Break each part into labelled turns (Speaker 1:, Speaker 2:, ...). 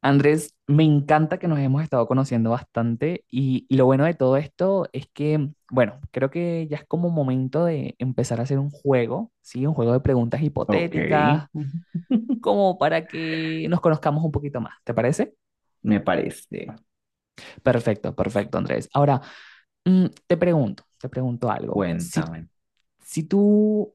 Speaker 1: Andrés, me encanta que nos hemos estado conociendo bastante y lo bueno de todo esto es que, bueno, creo que ya es como momento de empezar a hacer un juego, ¿sí? Un juego de preguntas
Speaker 2: Ok.
Speaker 1: hipotéticas,
Speaker 2: Ujú.
Speaker 1: como para que nos conozcamos un poquito más, ¿te parece?
Speaker 2: Me parece.
Speaker 1: Perfecto, perfecto, Andrés. Ahora, te pregunto, algo. Si,
Speaker 2: Cuéntame.
Speaker 1: si tú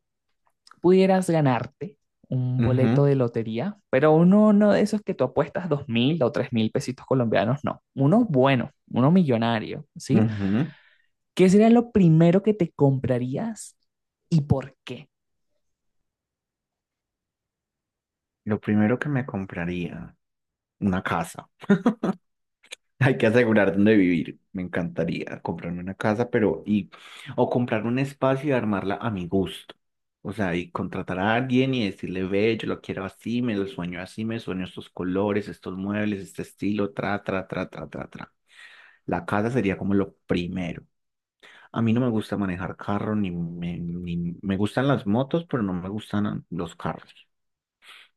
Speaker 1: pudieras ganarte un boleto
Speaker 2: Ujú,
Speaker 1: de lotería, pero uno de esos que tú apuestas 2.000 o 3.000 pesitos colombianos, no, uno bueno, uno millonario, ¿sí?
Speaker 2: ujú.
Speaker 1: ¿Qué sería lo primero que te comprarías y por qué?
Speaker 2: Lo primero que me compraría, una casa. Hay que asegurar dónde vivir. Me encantaría comprarme una casa, pero o comprar un espacio y armarla a mi gusto. O sea, y contratar a alguien y decirle, ve, yo lo quiero así, me lo sueño así, me sueño estos colores, estos muebles, este estilo, tra, tra, tra, tra, tra, tra. La casa sería como lo primero. A mí no me gusta manejar carro, ni me gustan las motos, pero no me gustan los carros.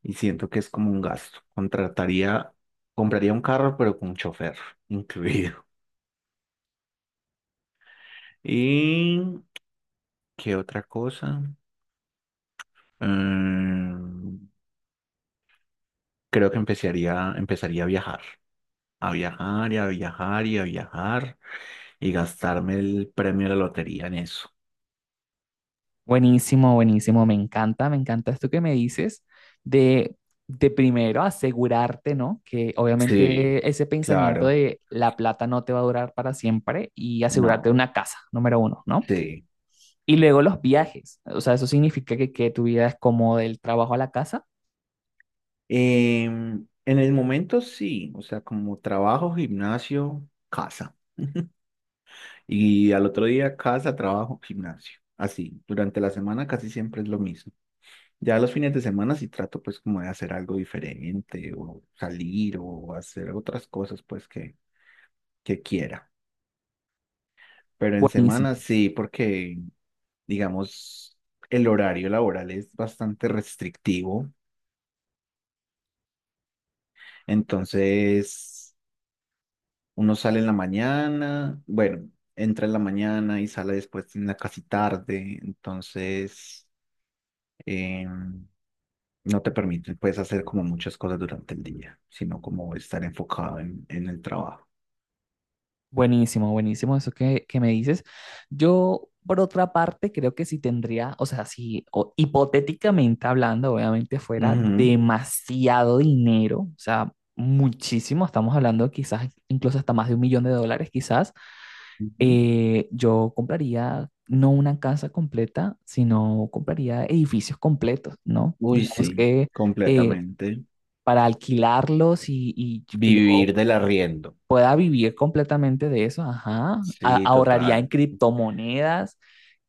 Speaker 2: Y siento que es como un gasto. Compraría un carro, pero con un chofer incluido. ¿Y qué otra cosa? Mm, creo que empezaría a viajar. A viajar y a viajar y a viajar y gastarme el premio de la lotería en eso.
Speaker 1: Buenísimo, buenísimo, me encanta esto que me dices de, de primero asegurarte, ¿no? Que
Speaker 2: Sí,
Speaker 1: obviamente ese pensamiento
Speaker 2: claro.
Speaker 1: de la plata no te va a durar para siempre y asegurarte
Speaker 2: No,
Speaker 1: una casa, número uno, ¿no?
Speaker 2: sí.
Speaker 1: Y luego los viajes. O sea, eso significa que tu vida es como del trabajo a la casa.
Speaker 2: En el momento sí, o sea, como trabajo, gimnasio, casa. Y al otro día casa, trabajo, gimnasio. Así, durante la semana casi siempre es lo mismo. Ya los fines de semana sí trato pues como de hacer algo diferente o salir o hacer otras cosas pues que quiera. Pero en
Speaker 1: Buenísimo,
Speaker 2: semana sí, porque digamos el horario laboral es bastante restrictivo. Entonces uno sale en la mañana, bueno, entra en la mañana y sale después en la casi tarde, entonces eh, no te permite, puedes hacer como muchas cosas durante el día, sino como estar enfocado en el trabajo.
Speaker 1: buenísimo, buenísimo eso que me dices. Yo, por otra parte, creo que si tendría, o sea, si o- hipotéticamente hablando, obviamente fuera
Speaker 2: Ujú,
Speaker 1: demasiado dinero, o sea, muchísimo, estamos hablando quizás incluso hasta más de 1 millón de dólares, quizás,
Speaker 2: ujú.
Speaker 1: yo compraría no una casa completa, sino compraría edificios completos, ¿no?
Speaker 2: Uy,
Speaker 1: Digamos
Speaker 2: sí,
Speaker 1: que eh,
Speaker 2: completamente.
Speaker 1: para alquilarlos y que yo
Speaker 2: Vivir del arriendo.
Speaker 1: pueda vivir completamente de eso, ajá.
Speaker 2: Sí,
Speaker 1: Ahorraría en
Speaker 2: total.
Speaker 1: criptomonedas,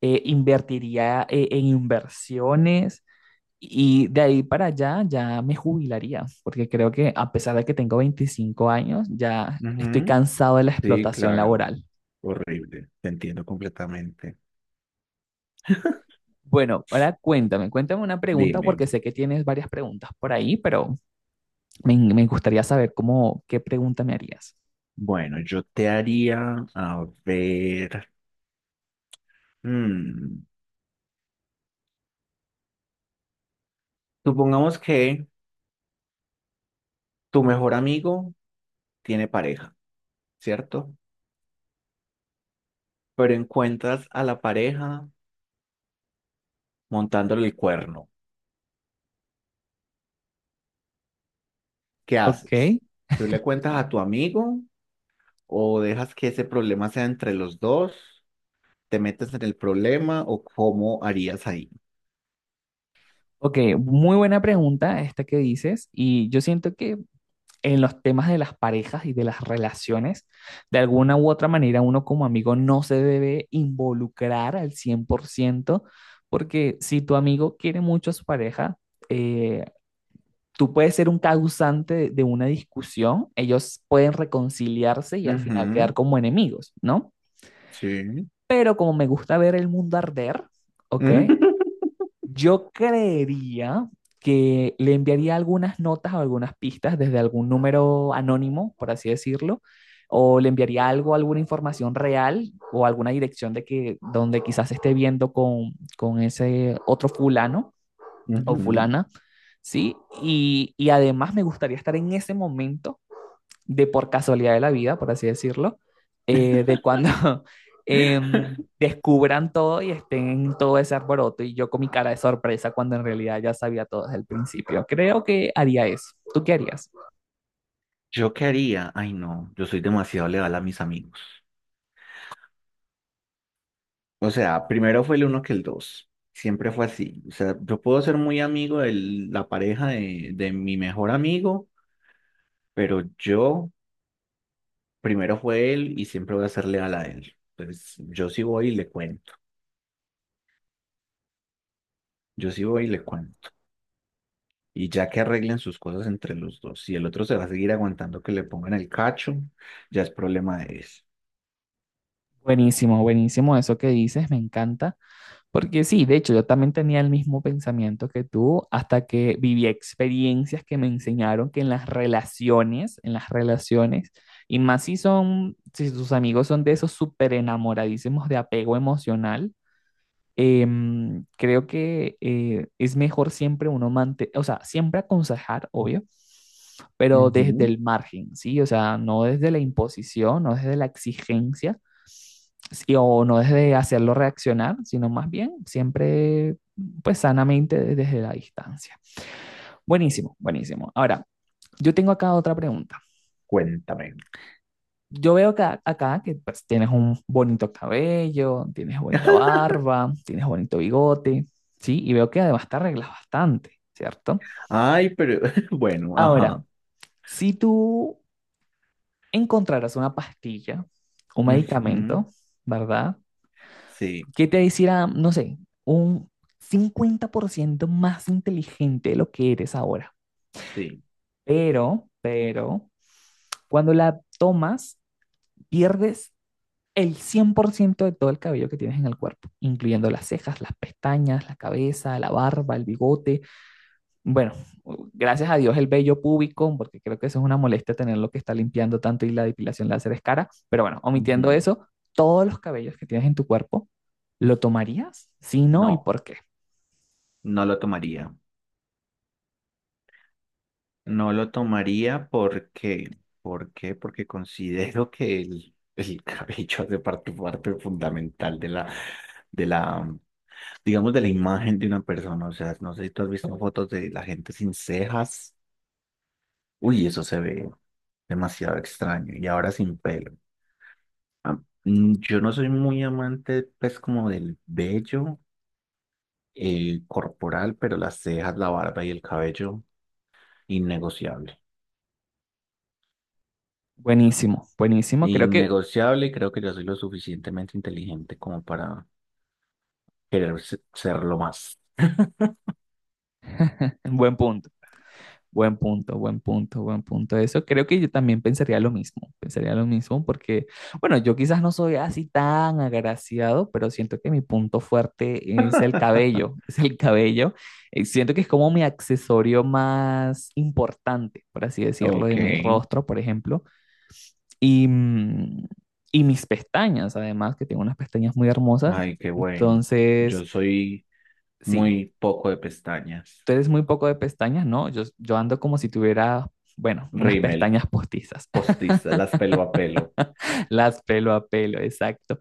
Speaker 1: invertiría en inversiones y de ahí para allá ya me jubilaría, porque creo que a pesar de que tengo 25 años, ya estoy
Speaker 2: Ujú.
Speaker 1: cansado de la
Speaker 2: Sí,
Speaker 1: explotación
Speaker 2: claro.
Speaker 1: laboral.
Speaker 2: Horrible. Te entiendo completamente.
Speaker 1: Bueno, ahora cuéntame una pregunta
Speaker 2: Dime,
Speaker 1: porque sé que tienes varias preguntas por ahí, pero me gustaría saber cómo, qué pregunta me harías.
Speaker 2: bueno, yo te haría, a ver. Mm, Supongamos que tu mejor amigo tiene pareja, ¿cierto? Pero encuentras a la pareja montándole el cuerno. ¿Qué
Speaker 1: Ok,
Speaker 2: haces? ¿Tú le cuentas a tu amigo o dejas que ese problema sea entre los dos? ¿Te metes en el problema o cómo harías ahí?
Speaker 1: Ok, muy buena pregunta esta que dices y yo siento que en los temas de las parejas y de las relaciones, de alguna u otra manera uno como amigo no se debe involucrar al 100% porque si tu amigo quiere mucho a su pareja, eh, tú puedes ser un causante de una discusión, ellos pueden reconciliarse y al final
Speaker 2: Ujú,
Speaker 1: quedar como enemigos, ¿no?
Speaker 2: sí.
Speaker 1: Pero como me gusta ver el mundo arder, ¿ok? Yo creería que le enviaría algunas notas o algunas pistas desde algún número anónimo, por así decirlo, o le enviaría algo, alguna información real o alguna dirección de que donde quizás esté viendo con ese otro fulano
Speaker 2: Ujú.
Speaker 1: o fulana, ¿sí? Y además me gustaría estar en ese momento de por casualidad de la vida, por así decirlo, de cuando em, descubran todo y estén en todo ese alboroto y yo con mi cara de sorpresa cuando en realidad ya sabía todo desde el principio. Creo que haría eso. ¿Tú qué harías?
Speaker 2: ¿Yo qué haría? Ay, no, yo soy demasiado leal a mis amigos. O sea, primero fue el uno que el dos. Siempre fue así. O sea, yo puedo ser muy amigo de la pareja de mi mejor amigo, pero yo primero fue él y siempre voy a ser leal a él. Entonces, yo sí voy y le cuento. Yo sí voy y le cuento. Y ya que arreglen sus cosas entre los dos, si el otro se va a seguir aguantando que le pongan el cacho, ya es problema de eso.
Speaker 1: Buenísimo, buenísimo eso que dices, me encanta. Porque sí, de hecho, yo también tenía el mismo pensamiento que tú hasta que viví experiencias que me enseñaron que en las relaciones, y más si son, si tus amigos son de esos súper enamoradísimos de apego emocional, creo que es mejor siempre uno mantener, o sea, siempre aconsejar, obvio, pero desde
Speaker 2: Ujú.
Speaker 1: el margen, ¿sí? O sea, no desde la imposición, no desde la exigencia sí, o no desde hacerlo reaccionar, sino más bien siempre, pues sanamente desde la distancia. Buenísimo, buenísimo. Ahora, yo tengo acá otra pregunta.
Speaker 2: Cuéntame.
Speaker 1: Yo veo acá que pues, tienes un bonito cabello, tienes bonita barba, tienes bonito bigote, ¿sí? Y veo que además te arreglas bastante, ¿cierto?
Speaker 2: Ay, pero bueno,
Speaker 1: Ahora,
Speaker 2: ajá.
Speaker 1: si tú encontraras una pastilla, un
Speaker 2: Ujú.
Speaker 1: medicamento, ¿verdad?
Speaker 2: Sí,
Speaker 1: ¿Qué te hiciera, no sé, un 50% más inteligente de lo que eres ahora?
Speaker 2: sí.
Speaker 1: Pero, cuando la tomas, pierdes el 100% de todo el cabello que tienes en el cuerpo, incluyendo las cejas, las pestañas, la cabeza, la barba, el bigote. Bueno, gracias a Dios el vello púbico, porque creo que eso es una molestia tenerlo que está limpiando tanto y la depilación láser es cara. Pero bueno, omitiendo
Speaker 2: Ujú.
Speaker 1: eso, todos los cabellos que tienes en tu cuerpo, ¿lo tomarías? Si no, ¿y
Speaker 2: No.
Speaker 1: por qué?
Speaker 2: No lo tomaría. No lo tomaría porque, ¿por qué? Porque considero que el cabello hace parte fundamental de la, digamos, de la imagen de una persona. O sea, no sé si tú has visto fotos de la gente sin cejas. Uy, eso se ve demasiado extraño. Y ahora sin pelo. Ah, yo no soy muy amante, pues, como del vello corporal, pero las cejas, la barba y el cabello, innegociable.
Speaker 1: Buenísimo, buenísimo. Creo que
Speaker 2: Innegociable y creo que yo soy lo suficientemente inteligente como para querer serlo más.
Speaker 1: buen punto, buen punto, buen punto, buen punto. Eso creo que yo también pensaría lo mismo porque, bueno, yo quizás no soy así tan agraciado, pero siento que mi punto fuerte es el cabello, es el cabello. Siento que es como mi accesorio más importante, por así decirlo,
Speaker 2: Ok,
Speaker 1: de mi
Speaker 2: ay,
Speaker 1: rostro, por ejemplo. Y, mm, y mis pestañas, además, que tengo unas pestañas muy hermosas.
Speaker 2: qué bueno. Yo
Speaker 1: Entonces,
Speaker 2: soy
Speaker 1: sí,
Speaker 2: muy poco de pestañas.
Speaker 1: tú eres muy poco de pestañas, ¿no? Yo ando como si tuviera, bueno, unas
Speaker 2: Rímel,
Speaker 1: pestañas postizas,
Speaker 2: postiza, las pelo a pelo.
Speaker 1: las pelo a pelo, exacto.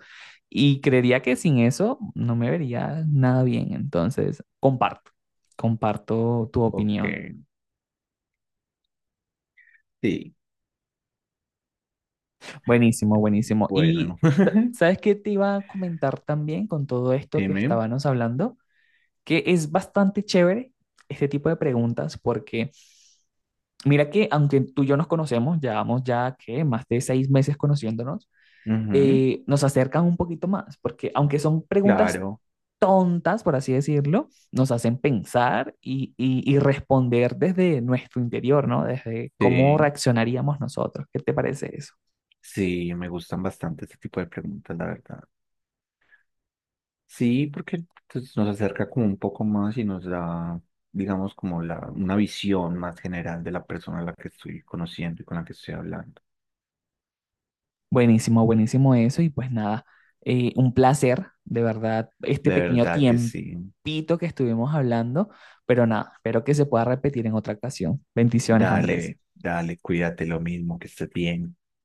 Speaker 1: Y creería que sin eso no me vería nada bien, entonces comparto tu opinión.
Speaker 2: Ok, sí,
Speaker 1: Buenísimo, buenísimo. Y
Speaker 2: bueno.
Speaker 1: ¿sabes qué te iba a comentar también con todo esto que
Speaker 2: Dime.
Speaker 1: estábamos hablando? Que es bastante chévere este tipo de preguntas porque mira que aunque tú y yo nos conocemos, llevamos ya que más de 6 meses conociéndonos,
Speaker 2: Ujú.
Speaker 1: nos acercan un poquito más, porque aunque son preguntas
Speaker 2: Claro,
Speaker 1: tontas, por así decirlo, nos hacen pensar y responder desde nuestro interior, ¿no? Desde cómo
Speaker 2: sí,
Speaker 1: reaccionaríamos nosotros. ¿Qué te parece eso?
Speaker 2: sí, me gustan bastante este tipo de preguntas, la verdad. Sí, porque pues, nos acerca como un poco más y nos da, digamos, como la, una visión más general de la persona a la que estoy conociendo y con la que estoy hablando.
Speaker 1: Buenísimo, buenísimo eso. Y pues nada, un placer, de verdad, este
Speaker 2: De
Speaker 1: pequeño
Speaker 2: verdad que sí.
Speaker 1: tiempito que estuvimos hablando, pero nada, espero que se pueda repetir en otra ocasión. Bendiciones, Andrés.
Speaker 2: Dale, dale, cuídate lo mismo, que estés bien.